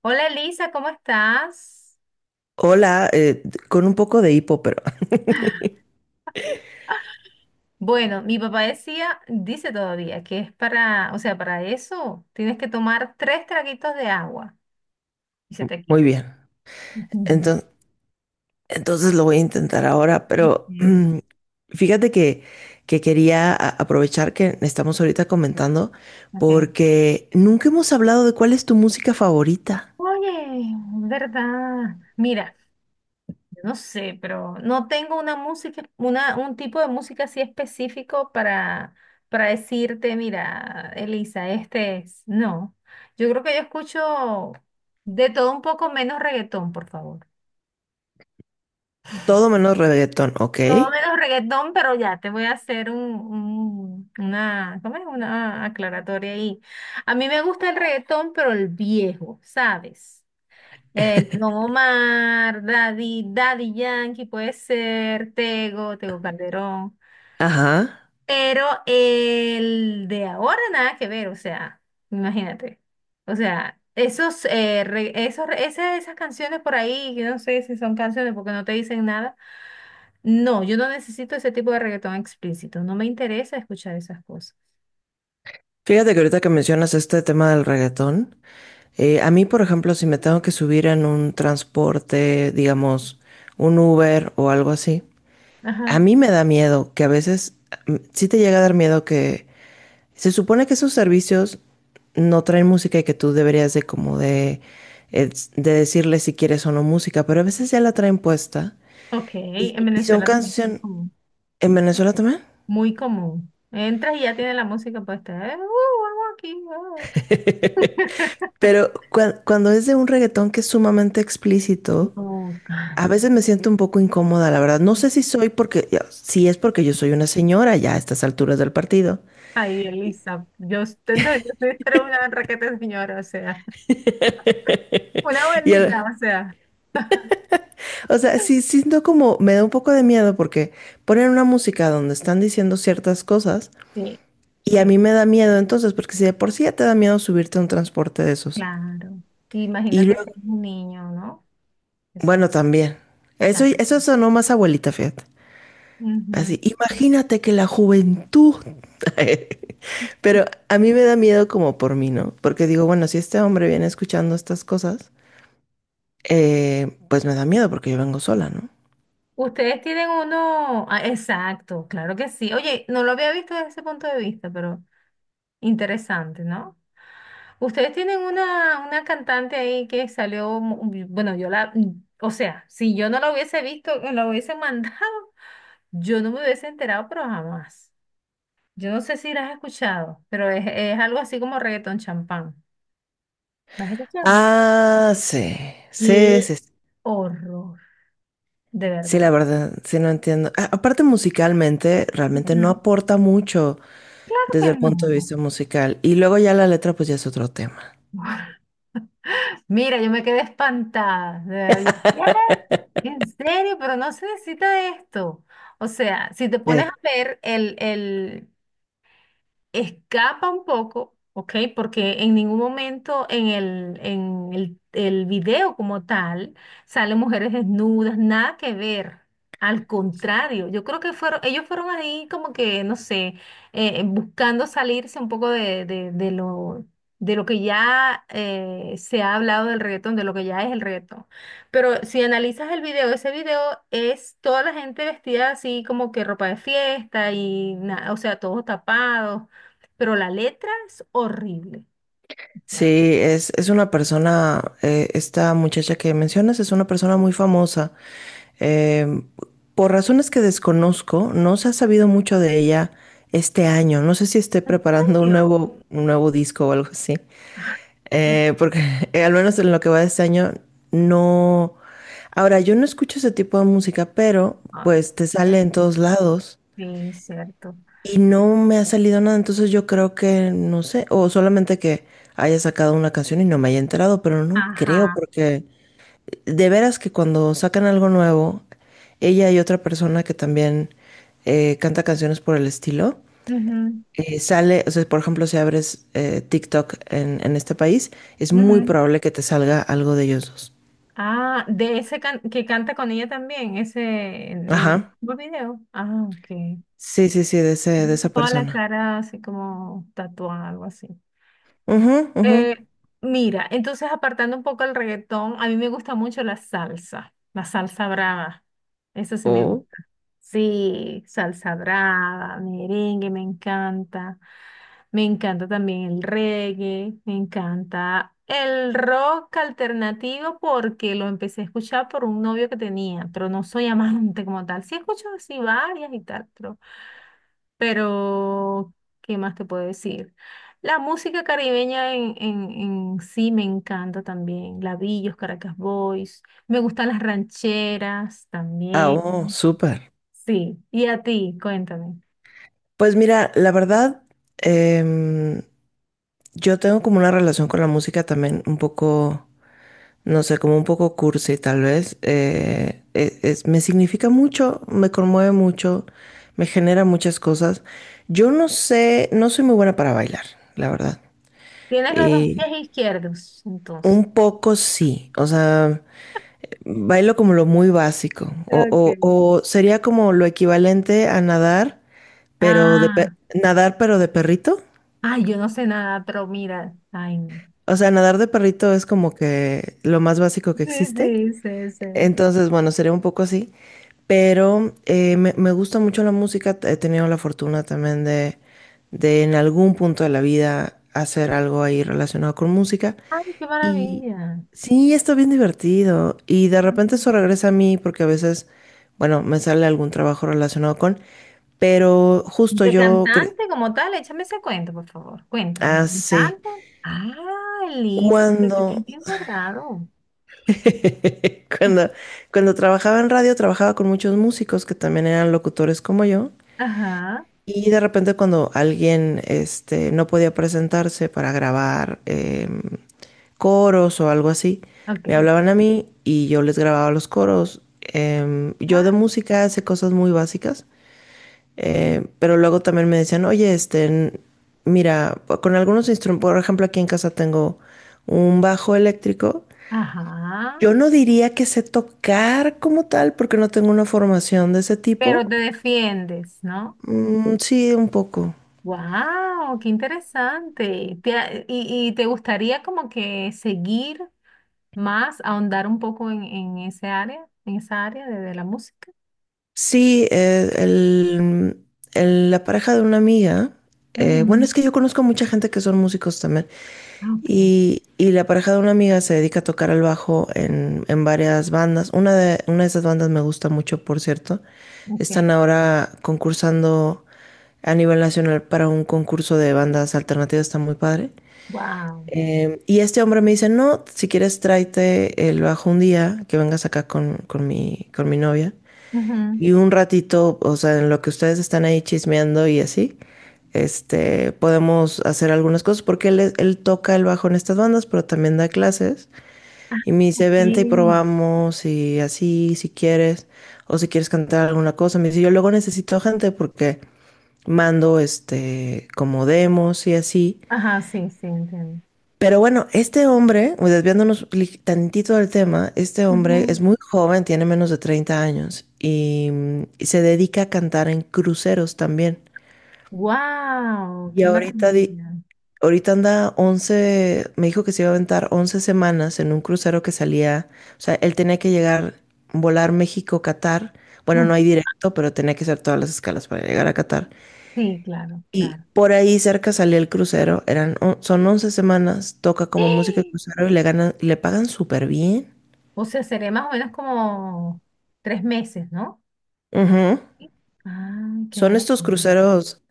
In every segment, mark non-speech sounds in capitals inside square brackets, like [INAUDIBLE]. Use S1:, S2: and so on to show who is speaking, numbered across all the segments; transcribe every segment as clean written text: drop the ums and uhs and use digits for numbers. S1: Hola Elisa, ¿cómo estás?
S2: Hola, con un poco de hipo, pero [LAUGHS]
S1: Bueno, mi papá decía, dice todavía que es para, o sea, para eso tienes que tomar tres traguitos de agua y se te
S2: muy
S1: quita.
S2: bien.
S1: [LAUGHS] Ujú.
S2: Entonces, entonces lo voy a intentar ahora, pero
S1: Bien,
S2: fíjate que quería aprovechar que estamos ahorita comentando
S1: ok.
S2: porque nunca hemos hablado de cuál es tu música favorita.
S1: Oye, ¿verdad? Mira, yo no sé, pero no tengo una música, un tipo de música así específico para decirte, mira, Elisa, este es. No, yo creo que yo escucho de todo un poco menos reggaetón, por favor.
S2: Todo menos reggaetón, ¿ok?
S1: Todo menos reggaetón, pero ya te voy a hacer una, ¿cómo es? Una aclaratoria ahí. A mí me gusta el reggaetón, pero el viejo, ¿sabes? Don Omar, Daddy Yankee, puede ser, Tego Calderón.
S2: Ajá.
S1: Pero el de ahora nada que ver, o sea, imagínate. O sea, esos, re- esos, re- ese- esas canciones por ahí, yo no sé si son canciones porque no te dicen nada. No, yo no necesito ese tipo de reggaetón explícito. No me interesa escuchar esas cosas.
S2: Fíjate que ahorita que mencionas este tema del reggaetón, a mí, por ejemplo, si me tengo que subir en un transporte, digamos, un Uber o algo así. A
S1: Ajá.
S2: mí me da miedo que a veces sí te llega a dar miedo que se supone que esos servicios no traen música y que tú deberías de como eh, de decirle si quieres o no música, pero a veces ya la traen puesta
S1: Ok,
S2: y,
S1: en
S2: y son
S1: Venezuela también es muy
S2: canciones
S1: común.
S2: en Venezuela también.
S1: Muy común. Entras y ya tiene la música puesta. Algo aquí. [LAUGHS]
S2: Pero cuando es de un reggaetón que es sumamente explícito,
S1: No, ay.
S2: a veces me siento un poco incómoda, la verdad. No sé si soy porque, si es porque yo soy una señora ya a estas alturas del partido.
S1: Ay, Elisa, yo intento de Dios, debe ser una raqueta señora, o sea, [LAUGHS] una
S2: Y
S1: abuelita,
S2: el-
S1: o sea.
S2: O sea, sí siento como, me da un poco de miedo porque ponen una música donde están diciendo ciertas cosas
S1: Sí,
S2: y a mí
S1: sí,
S2: me da miedo entonces, porque si de por sí ya te da miedo subirte a un transporte de esos.
S1: claro.
S2: Y
S1: Imagínate que
S2: luego,
S1: es un niño, ¿no? Que se
S2: bueno, también. Eso,
S1: escuchando.
S2: eso sonó más abuelita, fíjate.
S1: Ujú.
S2: Así, imagínate que la juventud. [LAUGHS] Pero a mí me da miedo como por mí, ¿no? Porque digo, bueno, si este hombre viene escuchando estas cosas, pues me da miedo porque yo vengo sola, ¿no?
S1: Ustedes tienen uno, ah, exacto, claro que sí. Oye, no lo había visto desde ese punto de vista, pero interesante, ¿no? Ustedes tienen una cantante ahí que salió, bueno, yo la, o sea, si yo no la hubiese visto, la hubiese [LAUGHS] mandado, yo no me hubiese enterado, pero jamás. Yo no sé si la has escuchado, pero es algo así como reggaetón champán. ¿La has escuchado?
S2: Ah, sí,
S1: ¡Qué
S2: sí, sí.
S1: horror! De
S2: Sí,
S1: verdad.
S2: la verdad, sí no entiendo. Aparte musicalmente, realmente no
S1: Ujú.
S2: aporta mucho
S1: Claro
S2: desde el
S1: que
S2: punto de
S1: no.
S2: vista musical. Y luego ya la letra, pues ya es otro tema.
S1: Mira, yo me quedé espantada, de verdad, yo, ¿qué? En serio, pero no se necesita de esto. O sea, si te pones a ver escapa un poco, ¿ok? Porque en ningún momento en el video como tal salen mujeres desnudas, nada que ver. Al contrario, yo creo que fueron, ellos fueron ahí como que, no sé, buscando salirse un poco de lo que ya se ha hablado del reggaetón, de lo que ya es el reggaetón. Pero si analizas el video, ese video es toda la gente vestida así como que ropa de fiesta y, o sea, todos tapados pero la letra es horrible. O
S2: Sí,
S1: sea,
S2: es una persona, esta muchacha que mencionas es una persona muy famosa. Eh, por razones que desconozco, no se ha sabido mucho de ella este año. No sé si esté
S1: ¿en
S2: preparando un
S1: serio?
S2: nuevo, un nuevo disco o algo así.
S1: Qué
S2: Porque [LAUGHS] al menos en lo que va de este año, no. Ahora, yo no escucho ese tipo de música, pero
S1: padre.
S2: pues te sale en todos lados.
S1: Sí, cierto.
S2: Y no me ha salido nada, entonces yo creo que, no sé, o solamente que haya sacado una canción y no me haya enterado, pero no creo,
S1: Ajá.
S2: porque de veras que cuando sacan algo nuevo, ella y otra persona que también canta canciones por el estilo, sale, o sea, por ejemplo, si abres TikTok en este país, es
S1: Ujú,
S2: muy
S1: ujú.
S2: probable que te salga algo de ellos dos.
S1: Ah, de que canta con ella también, ese en el
S2: Ajá.
S1: mismo video. Ah, ok.
S2: Sí, sí, sí, de ese, de esa
S1: Toda la
S2: persona.
S1: cara así como tatuada, algo así.
S2: Ujú, ujú.
S1: Eh, Mira, entonces apartando un poco el reggaetón, a mí me gusta mucho la salsa brava. Eso sí me
S2: Oh.
S1: gusta. Sí, salsa brava, merengue, me encanta. Me encanta también el reggae, me encanta el rock alternativo porque lo empecé a escuchar por un novio que tenía, pero no soy [LAUGHS] amante como tal. Sí escucho así varias y tal, pero ¿qué más te puedo decir? La música caribeña en sí me encanta también. Labillos, Caracas Boys, me gustan las rancheras
S2: Ah, oh,
S1: también.
S2: súper.
S1: Sí, y a ti, cuéntame.
S2: Pues mira, la verdad, em, yo tengo como una relación con la música también un poco, no sé, como un poco cursi tal vez. Me significa mucho, me conmueve mucho, me genera muchas cosas. Yo no sé, no soy muy buena para bailar, la verdad.
S1: Tienes los dos
S2: Y
S1: pies izquierdos, entonces.
S2: un poco sí, o sea, bailo como lo muy básico, o, o
S1: Ok.
S2: o sería como lo equivalente a nadar, pero
S1: Ah,
S2: nadar pero de perrito.
S1: ay, yo no sé nada, pero mira, ay, no.
S2: O sea, nadar de perrito es como que lo más básico que
S1: Sí,
S2: existe.
S1: sí, sí, sí.
S2: Entonces, bueno, sería un poco así. Pero me gusta mucho la música. He tenido la fortuna también de en algún punto de la vida hacer algo ahí relacionado con música.
S1: Ay, qué
S2: Y
S1: maravilla.
S2: sí, está bien divertido. Y de repente eso
S1: Ah,
S2: regresa a mí porque a veces, bueno, me sale algún trabajo relacionado con. Pero justo
S1: de
S2: yo,
S1: cantante como tal, échame ese cuento, por favor. Cuéntame.
S2: sí.
S1: ¿Cantante? Ah, Liz, lo tenías
S2: Cuando
S1: bien guardado.
S2: Cuando,
S1: [LAUGHS]
S2: cuando trabajaba en radio, trabajaba con muchos músicos que también eran locutores como yo.
S1: Ajá,
S2: Y de repente cuando alguien no podía presentarse para grabar coros o algo así, me
S1: ok.
S2: hablaban a mí y yo les grababa los coros. Yo de
S1: Ah,
S2: música sé cosas muy básicas, pero luego también me decían, oye, mira, con algunos instrumentos, por ejemplo, aquí en casa tengo un bajo eléctrico.
S1: ajá,
S2: Yo no diría que sé tocar como tal, porque no tengo una formación de ese
S1: pero
S2: tipo.
S1: te defiendes, ¿no?
S2: Mm, sí, un poco.
S1: Wow, qué interesante. ¿Y te gustaría como que seguir más, ahondar un poco en ese área, en esa área de la música?
S2: Sí, la pareja de una amiga, bueno,
S1: Ujú.
S2: es que yo conozco mucha gente que son músicos también,
S1: Ah, ok,
S2: y la pareja de una amiga se dedica a tocar el bajo en varias bandas. Una de esas bandas me gusta mucho, por cierto. Están
S1: ok.
S2: ahora concursando a nivel nacional para un concurso de bandas alternativas, está muy padre.
S1: Wow.
S2: Y este hombre me dice, no, si quieres tráete el bajo un día, que vengas acá con mi novia. Y un ratito, o sea, en lo que ustedes están ahí chismeando y así, podemos hacer algunas cosas, porque él toca el bajo en estas bandas, pero también da clases. Y me dice, vente y
S1: Sí.
S2: probamos y así, si quieres, o si quieres cantar alguna cosa. Me dice, yo luego necesito gente porque mando, como demos y así.
S1: Ajá, sí, sí, entiendo.
S2: Pero bueno, este hombre, desviándonos tantito del tema, este hombre es muy joven, tiene menos de 30 años y se dedica a cantar en cruceros también.
S1: Wow,
S2: Y
S1: qué
S2: ahorita,
S1: maravilla.
S2: ahorita anda 11, me dijo que se iba a aventar 11 semanas en un crucero que salía, o sea, él tenía que llegar, volar México-Catar. Bueno,
S1: Mm,
S2: no hay directo, pero tenía que hacer todas las escalas para llegar a Qatar.
S1: sí, claro,
S2: Y
S1: claro.
S2: por ahí cerca salía el crucero, son 11 semanas, toca como música de
S1: ¡Ah!
S2: crucero y le ganan, le pagan súper bien.
S1: O sea, sería más o menos como 3 meses, ¿no?
S2: Ujú.
S1: Sí. Ay, qué
S2: Son estos
S1: maravilla.
S2: cruceros,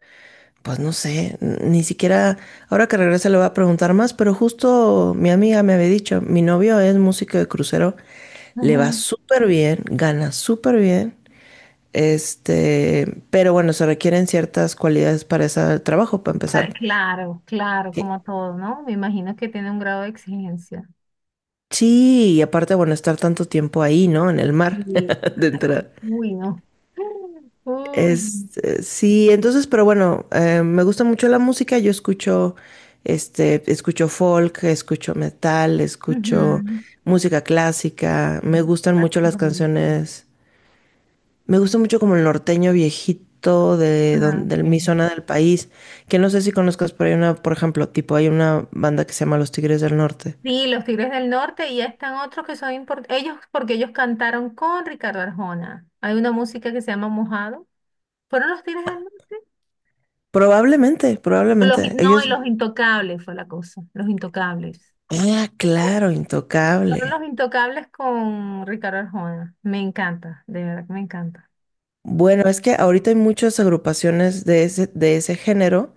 S2: pues no sé, ni siquiera, ahora que regrese le voy a preguntar más, pero justo mi amiga me había dicho, mi novio es músico de crucero, le va súper bien, gana súper bien, pero bueno, se requieren ciertas cualidades para ese trabajo, para
S1: Ah,
S2: empezar,
S1: claro, claro,
S2: que,
S1: como todo, ¿no? Me imagino que tiene un grado de exigencia.
S2: Sí, y aparte, bueno, estar tanto tiempo ahí, ¿no? En el mar,
S1: Sí,
S2: [LAUGHS] de
S1: claro.
S2: entrada.
S1: Uy, no. [GASPS] [LAUGHS] Uy.
S2: Sí, entonces, pero bueno, me gusta mucho la música. Yo escucho folk, escucho metal, escucho
S1: Ujú.
S2: música clásica. Me
S1: Sí,
S2: gustan
S1: claro,
S2: mucho
S1: qué
S2: las
S1: bonito.
S2: canciones. Me gusta mucho como el norteño viejito
S1: Ah, ok.
S2: de mi zona del país, que no sé si conozcas, pero hay una, por ejemplo, tipo, hay una banda que se llama Los Tigres del Norte.
S1: Sí, los Tigres del Norte y ya están otros que son importantes. Ellos, porque ellos cantaron con Ricardo Arjona. Hay una música que se llama Mojado. ¿Fueron los Tigres del Norte?
S2: Probablemente, probablemente.
S1: No, y
S2: Ellos.
S1: los Intocables fue la cosa. Los Intocables.
S2: Ah, claro,
S1: Fueron
S2: Intocable.
S1: Los Intocables con Ricardo Arjona. Me encanta, de verdad que me encanta.
S2: Bueno, es que ahorita hay muchas agrupaciones de ese género,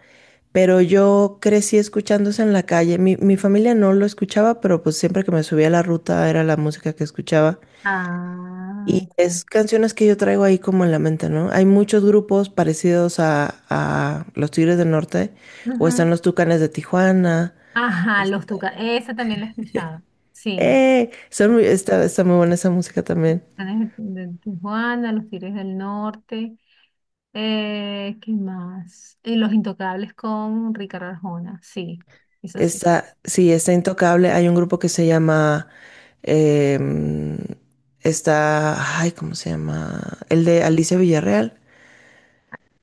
S2: pero yo crecí escuchándose en la calle. Mi familia no lo escuchaba, pero pues siempre que me subía a la ruta era la música que escuchaba.
S1: Ah,
S2: Y
S1: ok.
S2: es canciones que yo traigo ahí como en la mente, ¿no? Hay muchos grupos parecidos a Los Tigres del Norte, o
S1: Ujú.
S2: están los Tucanes de Tijuana.
S1: Ajá,
S2: Es-
S1: Los Tucanes. Esa también la he escuchado. Sí.
S2: ¡Eh! Son está muy buena esa música también.
S1: Tucanes de Tijuana, Los Tigres del Norte. ¿Qué más? Y Los Intocables con Ricardo Arjona. Sí, eso sí.
S2: Está, sí, está Intocable. Hay un grupo que se llama, em, está, ay, ¿cómo se llama? El de Alicia Villarreal.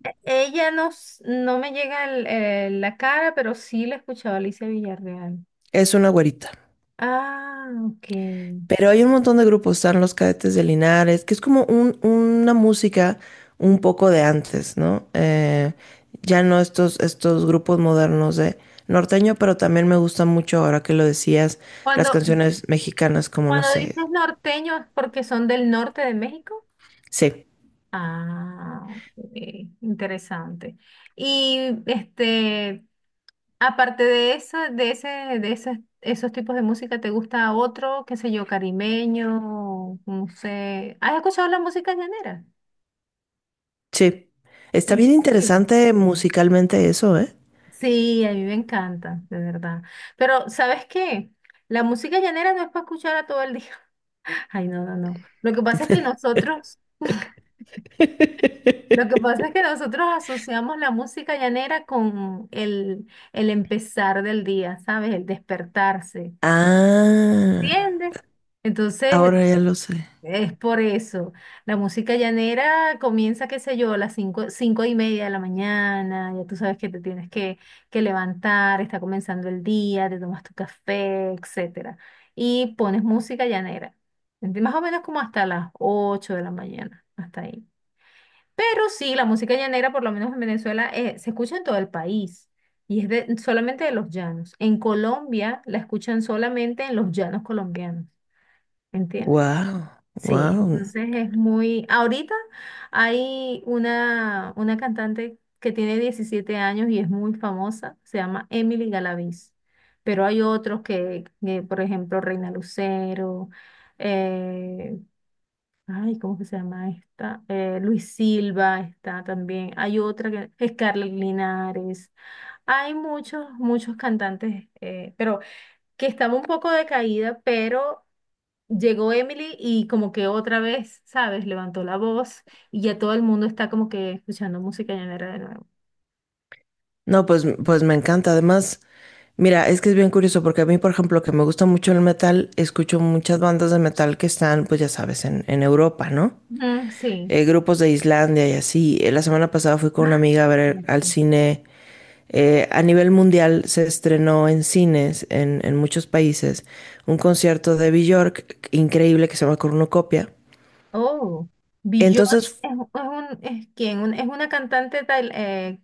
S1: Ella no, no me llega la cara, pero sí la he escuchado a Alicia Villarreal.
S2: Es una güerita.
S1: Ah, ok.
S2: Pero hay un montón de grupos, están los Cadetes de Linares, que es como una música un poco de antes, ¿no? Ya no estos grupos modernos de norteño, pero también me gusta mucho, ahora que lo decías, las
S1: Cuando,
S2: canciones mexicanas como, no
S1: Cuando
S2: sé,
S1: dices norteño es porque son del norte de México.
S2: sí.
S1: Ah, ok, interesante. Y este, aparte de esos tipos de música, ¿te gusta otro, qué sé yo, carimeño? No sé. ¿Has escuchado la música llanera?
S2: Sí. Está
S1: ¿En
S2: bien
S1: serio?
S2: interesante musicalmente eso, ¿eh?
S1: Sí, a mí me encanta, de verdad. Pero, ¿sabes qué? La música llanera no es para escuchar a todo el día. [LAUGHS] Ay, no, no, no. Lo que pasa es que nosotros [LAUGHS] Lo que pasa es
S2: [LAUGHS]
S1: que nosotros asociamos la música llanera con el empezar del día, ¿sabes? El despertarse,
S2: Ah,
S1: ¿entiendes? Entonces,
S2: ahora ya lo sé.
S1: es por eso. La música llanera comienza, qué sé yo, a las 5, 5:30 de la mañana, ya tú sabes que te tienes que levantar, está comenzando el día, te tomas tu café, etcétera. Y pones música llanera, ¿entiendes? Más o menos como hasta las 8 de la mañana, hasta ahí. Pero sí, la música llanera, por lo menos en Venezuela, se escucha en todo el país y es solamente de los llanos. En Colombia la escuchan solamente en los llanos colombianos, ¿entiendes?
S2: Wow,
S1: Sí,
S2: wow.
S1: entonces es muy... Ahorita hay una cantante que tiene 17 años y es muy famosa, se llama Emily Galaviz, pero hay otros que, por ejemplo, Reina Lucero, eh, ay, ¿cómo que se llama esta? Luis Silva está también. Hay otra que Scarlett Linares. Hay muchos, muchos cantantes, pero que estaba un poco decaída, pero llegó Emily y como que otra vez, ¿sabes? Levantó la voz y ya todo el mundo está como que escuchando música llanera de nuevo.
S2: No, pues me encanta. Además, mira, es que es bien curioso porque a mí, por ejemplo, que me gusta mucho el metal, escucho muchas bandas de metal que están, pues ya sabes, en Europa, ¿no?
S1: Ujú, sí.
S2: Grupos de Islandia y así. La semana pasada fui con una
S1: Ah,
S2: amiga a ver al
S1: cierto.
S2: cine. A nivel mundial se estrenó en cines, en muchos países, un concierto de Björk increíble que se llama Cornucopia.
S1: Oh, Björk
S2: Entonces,
S1: es, es es, ¿quién? Es una cantante tal,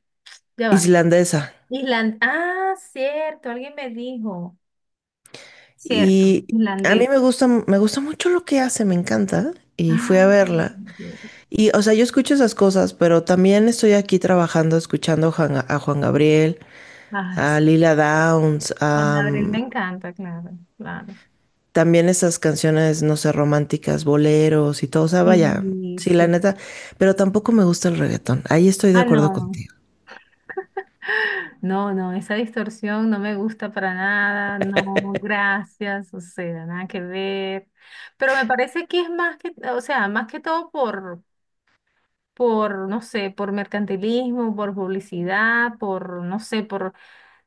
S1: ya va.
S2: islandesa.
S1: Ah, cierto, alguien me dijo, cierto,
S2: Y a mí
S1: islandés.
S2: me gusta mucho lo que hace, me encanta. Y fui
S1: Ah,
S2: a verla.
S1: Dios.
S2: Y, o sea, yo escucho esas cosas, pero también estoy aquí trabajando, escuchando a Juan Gabriel,
S1: Ah,
S2: a
S1: sí.
S2: Lila Downs,
S1: Con
S2: a,
S1: Gabriel me encanta, claro, claro.
S2: también esas canciones, no sé, románticas, boleros y todo, o sea, vaya,
S1: Sí,
S2: sí, la
S1: sí.
S2: neta, pero tampoco me gusta el reggaetón. Ahí estoy de
S1: Ah,
S2: acuerdo
S1: no,
S2: contigo.
S1: no, no, esa distorsión no me gusta para nada, no, gracias, o sea, nada que ver. Pero me parece que es más que, o sea, más que todo por, no sé, por mercantilismo, por publicidad, por, no sé, por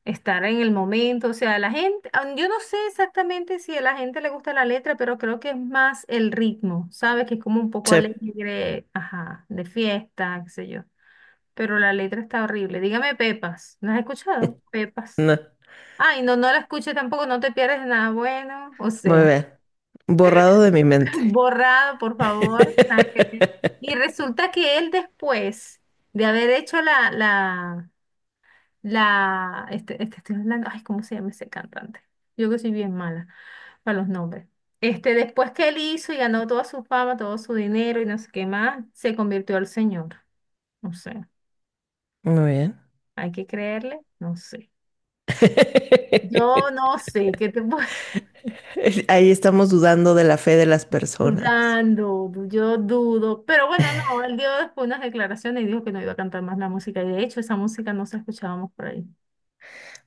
S1: estar en el momento, o sea, la gente, ah, yo no sé exactamente si a la gente le gusta la letra, pero creo que es más el ritmo, ¿sabes? Que es como un poco
S2: Sí,
S1: alegre, ajá, de fiesta, qué sé yo. Pero la letra está horrible. Dígame Pepas, ¿no has escuchado? Pepas.
S2: no,
S1: Ay, no, no la escuches tampoco, no te pierdes de nada bueno, o
S2: muy
S1: sea,
S2: bien. Borrado de mi
S1: [LAUGHS]
S2: mente.
S1: borrado, por favor. Ah, y resulta que él después de haber hecho este, este estoy hablando, ay, ¿cómo se llama ese cantante? Yo que soy bien mala para los nombres. Este, después que él hizo y ganó toda su fama, todo su dinero y no sé qué más, se convirtió al señor. No sé,
S2: Muy bien.
S1: hay que creerle, no sé. Yo
S2: [LAUGHS]
S1: no sé, ¿qué te puedo [LAUGHS]
S2: Ahí estamos dudando de la fe de las personas.
S1: dudando? Yo dudo, pero bueno, no, él dio después unas declaraciones y dijo que no iba a cantar más la música y de hecho esa música no se escuchábamos por ahí.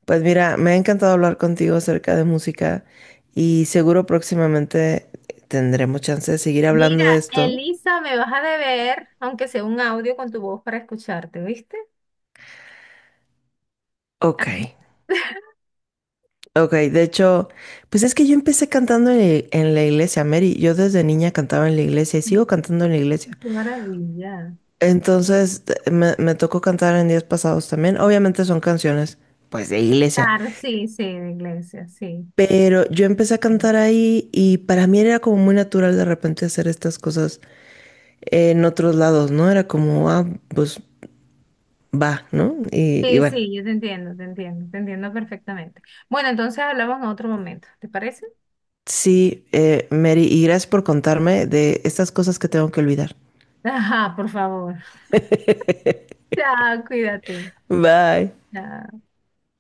S2: Pues mira, me ha encantado hablar contigo acerca de música y seguro próximamente tendremos chance de seguir
S1: Mira,
S2: hablando de esto.
S1: Elisa, me vas a deber, aunque sea un audio con tu voz para escucharte, ¿viste?
S2: Ok. Ok, de hecho, pues es que yo empecé cantando en la iglesia, Mary. Yo desde niña cantaba en la iglesia y sigo cantando en
S1: [LAUGHS]
S2: la iglesia.
S1: Qué maravilla.
S2: Entonces, me tocó cantar en días pasados también. Obviamente son canciones, pues, de iglesia.
S1: Claro, sí, sí, de iglesia, sí.
S2: Pero yo empecé a cantar ahí y para mí era como muy natural de repente hacer estas cosas en otros lados, ¿no? Era como, ah, pues va, ¿no? Y
S1: Sí,
S2: bueno,
S1: sí, yo te entiendo, te entiendo, te entiendo perfectamente. Bueno, entonces hablamos en otro momento, ¿te parece?
S2: sí, Mary, y gracias por contarme de estas cosas que tengo que olvidar.
S1: [LAUGHS] Ajá, por favor. [LAUGHS] Chao, cuídate.
S2: Bye.
S1: Chao.